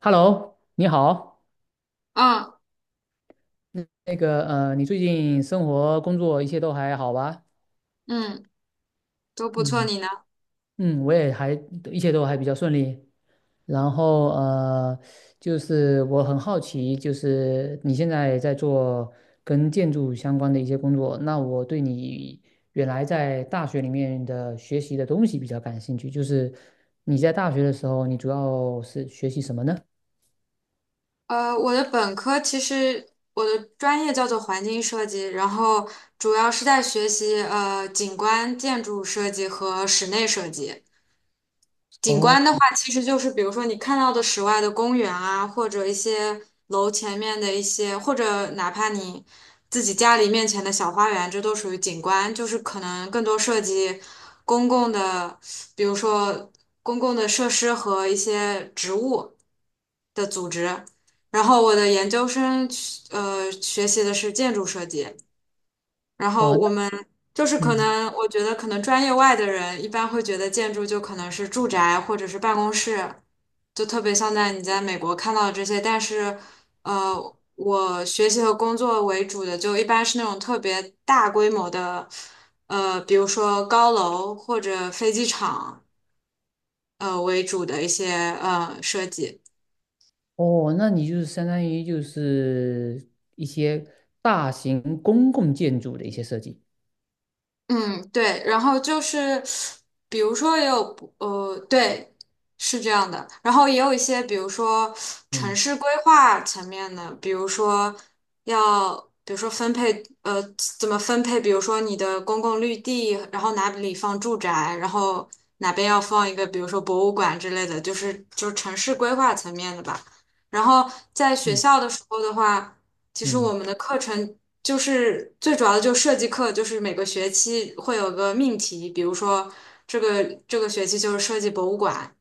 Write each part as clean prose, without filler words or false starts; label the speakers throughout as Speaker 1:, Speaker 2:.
Speaker 1: Hello，你好。
Speaker 2: 嗯
Speaker 1: 那个，你最近生活、工作一切都还好吧？
Speaker 2: 嗯，都不错。
Speaker 1: 嗯
Speaker 2: 你呢？
Speaker 1: 嗯，我也还一切都还比较顺利。然后就是我很好奇，就是你现在在做跟建筑相关的一些工作，那我对你原来在大学里面的学习的东西比较感兴趣。就是你在大学的时候，你主要是学习什么呢？
Speaker 2: 我的本科其实我的专业叫做环境设计，然后主要是在学习景观建筑设计和室内设计。景观
Speaker 1: 哦
Speaker 2: 的话，其实就是比如说你看到的室外的公园啊，或者一些楼前面的一些，或者哪怕你自己家里面前的小花园，这都属于景观。就是可能更多涉及公共的，比如说公共的设施和一些植物的组织。然后我的研究生去学习的是建筑设计，然后
Speaker 1: 哦，那
Speaker 2: 我们就是可
Speaker 1: 嗯。
Speaker 2: 能，我觉得可能专业外的人一般会觉得建筑就可能是住宅或者是办公室，就特别像在你在美国看到的这些。但是，我学习和工作为主的就一般是那种特别大规模的，比如说高楼或者飞机场，为主的一些设计。
Speaker 1: 哦，那你就是相当于就是一些大型公共建筑的一些设计。
Speaker 2: 嗯，对，然后就是，比如说也有不呃，对，是这样的，然后也有一些，比如说城
Speaker 1: 嗯
Speaker 2: 市规划层面的，比如说要，比如说分配，怎么分配，比如说你的公共绿地，然后哪里放住宅，然后哪边要放一个，比如说博物馆之类的，就是城市规划层面的吧。然后在学
Speaker 1: 嗯
Speaker 2: 校的时候的话，其实我
Speaker 1: 嗯
Speaker 2: 们的课程。就是最主要的，就设计课，就是每个学期会有个命题，比如说这个学期就是设计博物馆，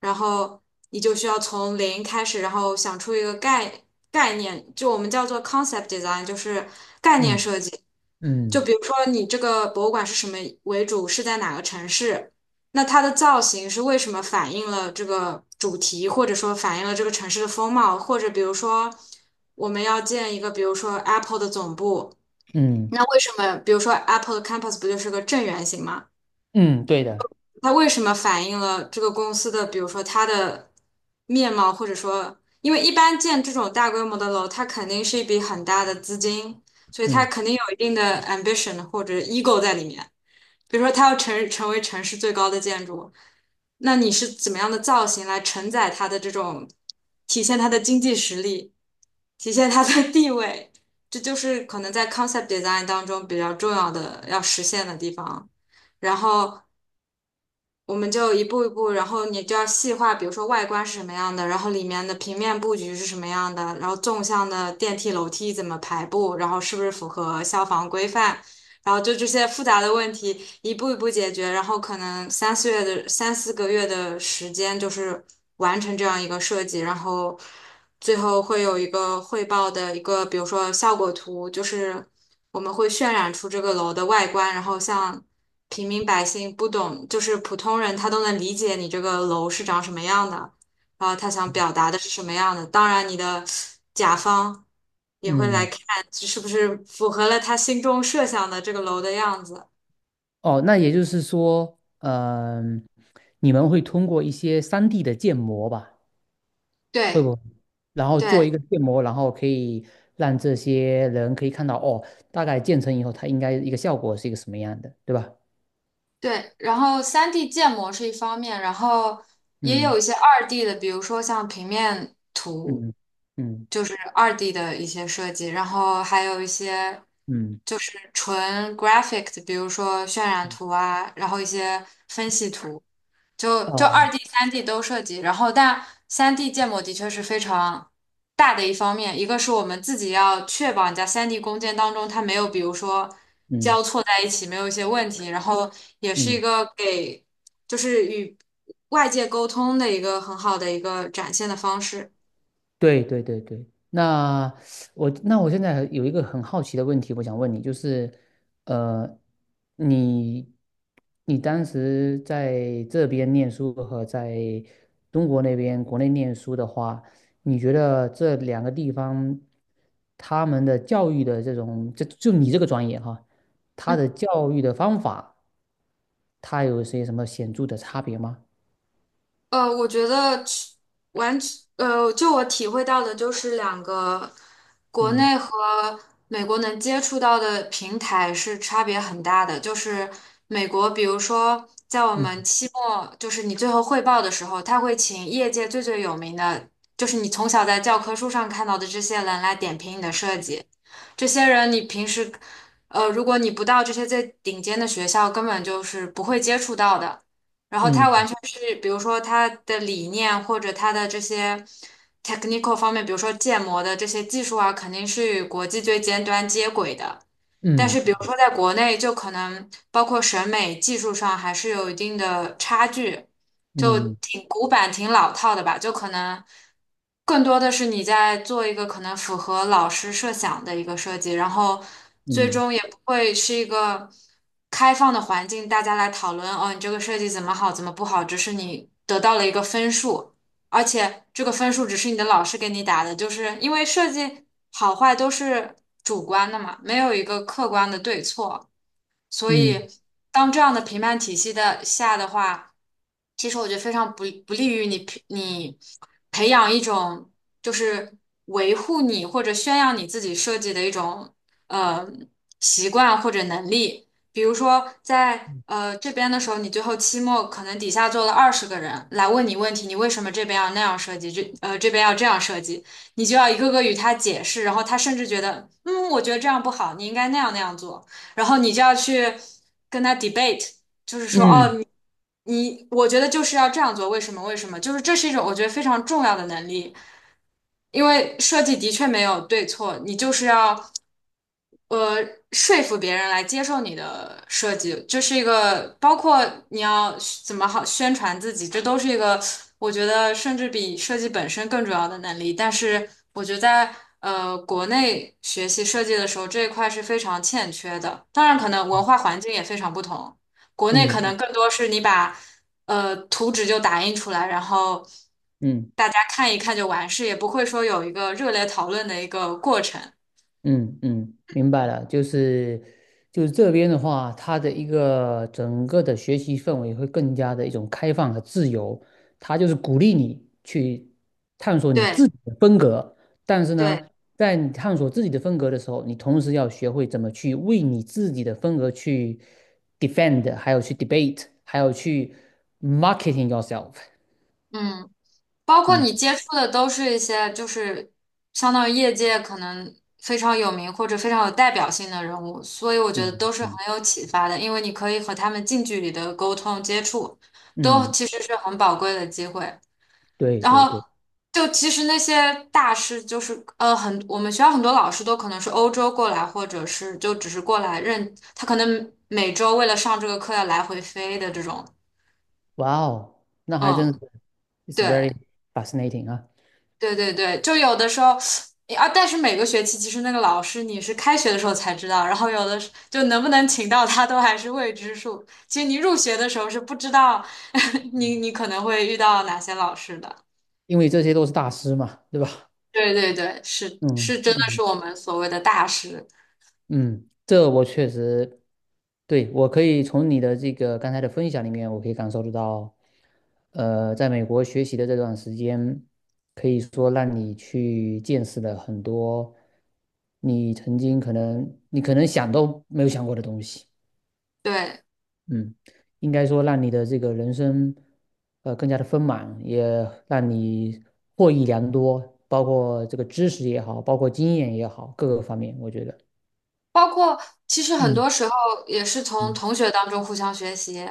Speaker 2: 然后你就需要从零开始，然后想出一个概念，就我们叫做 concept design,就是概念
Speaker 1: 嗯
Speaker 2: 设计。就
Speaker 1: 嗯
Speaker 2: 比如说你这个博物馆是什么为主，是在哪个城市，那它的造型是为什么反映了这个主题，或者说反映了这个城市的风貌，或者比如说我们要建一个，比如说 Apple 的总部。
Speaker 1: 嗯
Speaker 2: 那为什么，比如说 Apple 的 Campus 不就是个正圆形吗？
Speaker 1: 嗯，对的。
Speaker 2: 它为什么反映了这个公司的，比如说它的面貌，或者说，因为一般建这种大规模的楼，它肯定是一笔很大的资金，所以
Speaker 1: 嗯
Speaker 2: 它肯定有一定的 ambition 或者 ego 在里面。比如说，它要成为城市最高的建筑，那你是怎么样的造型来承载它的这种，体现它的经济实力？体现它的 地位，这就是可能在 concept design 当中比较重要的要实现的地方。然后我们就一步一步，然后你就要细化，比如说外观是什么样的，然后里面的平面布局是什么样的，然后纵向的电梯楼梯怎么排布，然后是不是符合消防规范，然后就这些复杂的问题一步一步解决，然后可能三四个月的时间就是完成这样一个设计，然后最后会有一个汇报的一个，比如说效果图，就是我们会渲染出这个楼的外观，然后像平民百姓不懂，就是普通人他都能理解你这个楼是长什么样的。然后他想表达的是什么样的。当然，你的甲方也会来
Speaker 1: 嗯，
Speaker 2: 看，这是不是符合了他心中设想的这个楼的样子。
Speaker 1: 哦，那也就是说，你们会通过一些3D 的建模吧？会
Speaker 2: 对
Speaker 1: 不会？然后做
Speaker 2: 对
Speaker 1: 一个建模，然后可以让这些人可以看到，哦，大概建成以后，它应该一个效果是一个什么样的，对吧？
Speaker 2: 对，然后三 d 建模是一方面，然后也
Speaker 1: 嗯
Speaker 2: 有一些二 d 的，比如说像平面图，
Speaker 1: 嗯嗯
Speaker 2: 就是二 d 的一些设计，然后还有一些
Speaker 1: 嗯，
Speaker 2: 就是纯 graphic 的，比如说渲染图啊，然后一些分析图。就二
Speaker 1: 哦，
Speaker 2: D、三 D 都涉及，然后但三 D 建模的确是非常大的一方面，一个是我们自己要确保你在三 D 工件当中它没有，比如说
Speaker 1: 嗯。
Speaker 2: 交错在一起，没有一些问题，然后也是一
Speaker 1: 嗯，
Speaker 2: 个给就是与外界沟通的一个很好的一个展现的方式。
Speaker 1: 对对对对，那那我现在有一个很好奇的问题，我想问你，就是，呃，你你当时在这边念书和在中国那边国内念书的话，你觉得这两个地方他们的教育的这种，就你这个专业哈，他的教育的方法，他有些什么显著的差别吗？
Speaker 2: 我觉得完全，就我体会到的，就是两个国
Speaker 1: 嗯
Speaker 2: 内和美国能接触到的平台是差别很大的。就是美国，比如说在我们
Speaker 1: 嗯
Speaker 2: 期末，就是你最后汇报的时候，他会请业界最最有名的，就是你从小在教科书上看到的这些人来点评你的设计。这些人你平时，如果你不到这些最顶尖的学校，根本就是不会接触到的。然后他完
Speaker 1: 嗯
Speaker 2: 全是，比如说他的理念或者他的这些 technical 方面，比如说建模的这些技术啊，肯定是与国际最尖端接轨的。但是，比如
Speaker 1: 嗯
Speaker 2: 说在国内，就可能包括审美技术上还是有一定的差距。就
Speaker 1: 嗯
Speaker 2: 挺古板、挺老套的吧，就可能更多的是你在做一个可能符合老师设想的一个设计，然后
Speaker 1: 嗯
Speaker 2: 最
Speaker 1: 嗯。
Speaker 2: 终也不会是一个开放的环境，大家来讨论哦，你这个设计怎么好，怎么不好，只是你得到了一个分数，而且这个分数只是你的老师给你打的，就是因为设计好坏都是主观的嘛，没有一个客观的对错。所
Speaker 1: 嗯
Speaker 2: 以当这样的评判体系的下的话，其实我觉得非常不利于你培养一种就是维护你或者宣扬你自己设计的一种呃习惯或者能力。比如说在这边的时候，你最后期末可能底下坐了20个人来问你问题，你为什么这边要那样设计，这边要这样设计，你就要一个个与他解释，然后他甚至觉得，嗯，我觉得这样不好，你应该那样那样做。然后你就要去跟他 debate。
Speaker 1: 嗯
Speaker 2: 你我觉得就是要这样做，为什么？为什么？就是这是一种我觉得非常重要的能力，因为设计的确没有对错，你就是要呃，说服别人来接受你的设计，这是一个包括你要怎么好宣传自己，这都是一个我觉得甚至比设计本身更重要的能力。但是我觉得在国内学习设计的时候，这一块是非常欠缺的。当然，可能文化环境也非常不同，国内可
Speaker 1: 嗯
Speaker 2: 能更多是你把图纸就打印出来，然后
Speaker 1: 嗯
Speaker 2: 大家看一看就完事，也不会说有一个热烈讨论的一个过程。
Speaker 1: 嗯嗯，明白了，就是这边的话，它的一个整个的学习氛围会更加的一种开放和自由，它就是鼓励你去探索你
Speaker 2: 对。
Speaker 1: 自己的风格，但是
Speaker 2: 对。
Speaker 1: 呢，在你探索自己的风格的时候，你同时要学会怎么去为你自己的风格去 defend，还有去 debate，还有去 marketing yourself。
Speaker 2: 嗯，包括你
Speaker 1: 嗯
Speaker 2: 接触的都是一些就是相当于业界可能非常有名或者非常有代表性的人物，所以我觉
Speaker 1: 嗯
Speaker 2: 得都是很
Speaker 1: 嗯
Speaker 2: 有启发的，因为你可以和他们近距离的沟通接触，都
Speaker 1: 嗯，
Speaker 2: 其实是很宝贵的机会。
Speaker 1: 对
Speaker 2: 然
Speaker 1: 对
Speaker 2: 后
Speaker 1: 对。
Speaker 2: 就其实那些大师就是很，我们学校很多老师都可能是欧洲过来，或者是就只是过来认，他可能每周为了上这个课要来回飞的这种，
Speaker 1: 哇哦，那还真是
Speaker 2: 嗯，
Speaker 1: ，it's
Speaker 2: 对。
Speaker 1: very fascinating 啊，
Speaker 2: 对对对，就有的时候啊，但是每个学期其实那个老师你是开学的时候才知道，然后有的时就能不能请到他都还是未知数。其实你入学的时候是不知道 你可能会遇到哪些老师的。
Speaker 1: 因为这些都是大师嘛，对吧？
Speaker 2: 对对对，是是，
Speaker 1: 嗯
Speaker 2: 真的
Speaker 1: 嗯
Speaker 2: 是我们所谓的大师。
Speaker 1: 嗯，这我确实，对，我可以从你的这个刚才的分享里面，我可以感受得到，在美国学习的这段时间，可以说让你去见识了很多你曾经可能你可能想都没有想过的东西。
Speaker 2: 对，
Speaker 1: 嗯，应该说让你的这个人生，更加的丰满，也让你获益良多，包括这个知识也好，包括经验也好，各个方面，我觉得，
Speaker 2: 包括其实很
Speaker 1: 嗯
Speaker 2: 多时候也是从
Speaker 1: 嗯
Speaker 2: 同学当中互相学习，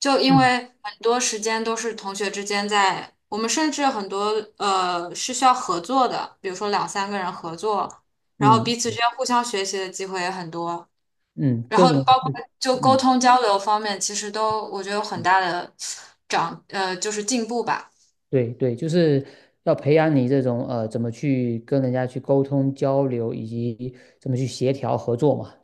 Speaker 2: 就因
Speaker 1: 嗯
Speaker 2: 为很多时间都是同学之间在，我们甚至很多是需要合作的，比如说两三个人合作，然后
Speaker 1: 嗯
Speaker 2: 彼此之间互相学习的机会也很多，
Speaker 1: 嗯，
Speaker 2: 然
Speaker 1: 这
Speaker 2: 后
Speaker 1: 种
Speaker 2: 包括
Speaker 1: 是，
Speaker 2: 就沟
Speaker 1: 嗯
Speaker 2: 通交流方面，其实都我觉得有很
Speaker 1: 嗯，
Speaker 2: 大的就是进步吧。
Speaker 1: 对对，就是要培养你这种怎么去跟人家去沟通交流，以及怎么去协调合作嘛，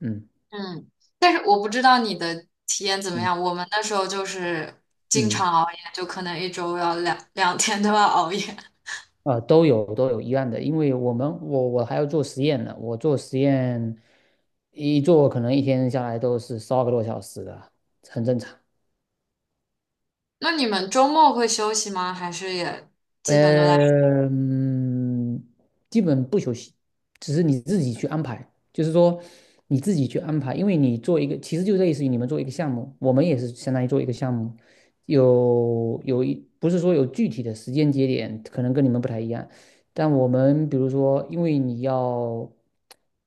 Speaker 1: 嗯
Speaker 2: 嗯，但是我不知道你的体验怎么
Speaker 1: 嗯
Speaker 2: 样。我们那时候就是经
Speaker 1: 嗯。
Speaker 2: 常熬夜，就可能一周要两天都要熬夜。
Speaker 1: 都有一样的，因为我们我我还要做实验呢，我做实验一做可能一天下来都是12个多小时的，很正常。
Speaker 2: 那你们周末会休息吗？还是也基本都在？
Speaker 1: 呃，嗯基本不休息，只是你自己去安排，就是说你自己去安排，因为你做一个，其实就类似于你们做一个项目，我们也是相当于做一个项目，有有一不是说有具体的时间节点，可能跟你们不太一样，但我们比如说，因为你要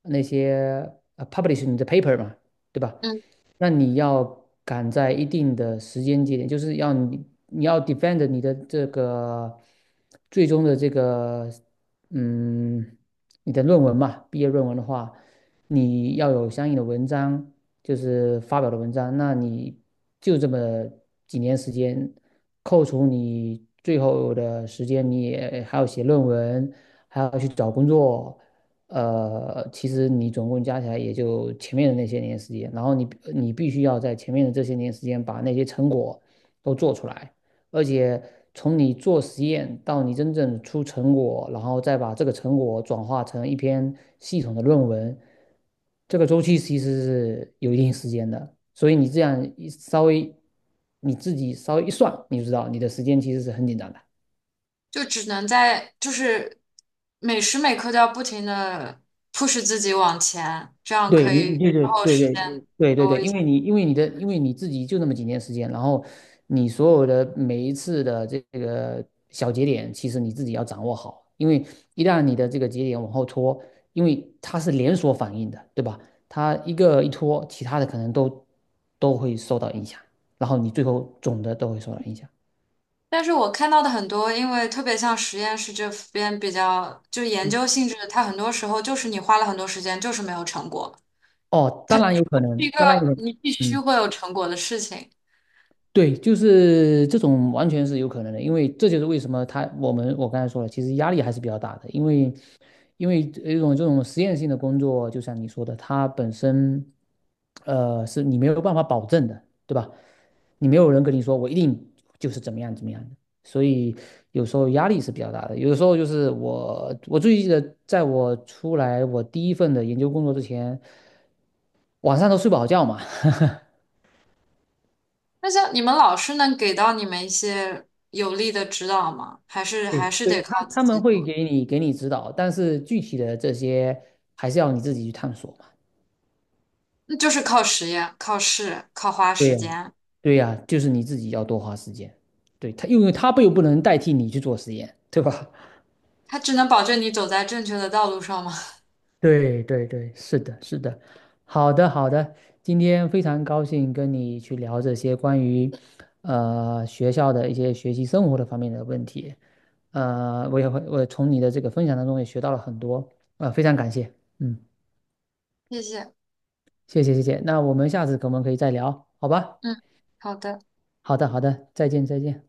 Speaker 1: 那些publish 你的 paper 嘛，对吧？
Speaker 2: 嗯，
Speaker 1: 那你要赶在一定的时间节点，就是要你要 defend 你的这个最终的这个嗯你的论文嘛，毕业论文的话，你要有相应的文章，就是发表的文章，那你就这么几年时间，扣除你最后的时间，你也还要写论文，还要去找工作。其实你总共加起来也就前面的那些年时间，然后你必须要在前面的这些年时间把那些成果都做出来，而且从你做实验到你真正出成果，然后再把这个成果转化成一篇系统的论文，这个周期其实是有一定时间的，所以你这样一稍微你自己稍微一算，你就知道你的时间其实是很紧张的。
Speaker 2: 就只能在就是每时每刻都要不停的 push 自己往前，这样
Speaker 1: 对
Speaker 2: 可
Speaker 1: 你，
Speaker 2: 以之
Speaker 1: 对对
Speaker 2: 后
Speaker 1: 对
Speaker 2: 时
Speaker 1: 对
Speaker 2: 间
Speaker 1: 对对
Speaker 2: 多
Speaker 1: 对，
Speaker 2: 一
Speaker 1: 因
Speaker 2: 些。
Speaker 1: 为你因为你的因为你自己就那么几年时间，然后你所有的每一次的这个小节点，其实你自己要掌握好，因为一旦你的这个节点往后拖，因为它是连锁反应的，对吧？它一个一拖，其他的可能都会受到影响，然后你最后总的都会受到影响。
Speaker 2: 但是我看到的很多，因为特别像实验室这边比较就是研
Speaker 1: 嗯，
Speaker 2: 究性质的，它很多时候就是你花了很多时间，就是没有成果。
Speaker 1: 哦，
Speaker 2: 它
Speaker 1: 当
Speaker 2: 就
Speaker 1: 然
Speaker 2: 是
Speaker 1: 有
Speaker 2: 不
Speaker 1: 可
Speaker 2: 是一
Speaker 1: 能，
Speaker 2: 个
Speaker 1: 当然有可能，
Speaker 2: 你必须
Speaker 1: 嗯。
Speaker 2: 会有成果的事情。
Speaker 1: 对，就是这种完全是有可能的，因为这就是为什么他我们我刚才说了，其实压力还是比较大的，因为一种这种实验性的工作，就像你说的，它本身是你没有办法保证的，对吧？你没有人跟你说我一定就是怎么样怎么样的，所以有时候压力是比较大的。有的时候就是我最记得，在我出来我第一份的研究工作之前，晚上都睡不好觉嘛。
Speaker 2: 那像你们老师能给到你们一些有力的指导吗？还是
Speaker 1: 对
Speaker 2: 还是得
Speaker 1: 对，
Speaker 2: 靠
Speaker 1: 他
Speaker 2: 自
Speaker 1: 他
Speaker 2: 己
Speaker 1: 们会
Speaker 2: 做？
Speaker 1: 给你指导，但是具体的这些还是要你自己去探索嘛。
Speaker 2: 那就是靠实验、靠试、靠花
Speaker 1: 对
Speaker 2: 时
Speaker 1: 呀，
Speaker 2: 间。
Speaker 1: 对呀，就是你自己要多花时间。对他，因为他又不能代替你去做实验，对吧？
Speaker 2: 它只能保证你走在正确的道路上吗？
Speaker 1: 对对对，是的，是的。好的，好的。今天非常高兴跟你去聊这些关于学校的一些学习生活的方面的问题。呃，我也会我从你的这个分享当中也学到了很多，非常感谢。嗯。
Speaker 2: 谢谢。
Speaker 1: 谢谢谢谢，那我们下次可不可以再聊？好吧，
Speaker 2: 嗯，好的。
Speaker 1: 好的好的，再见再见。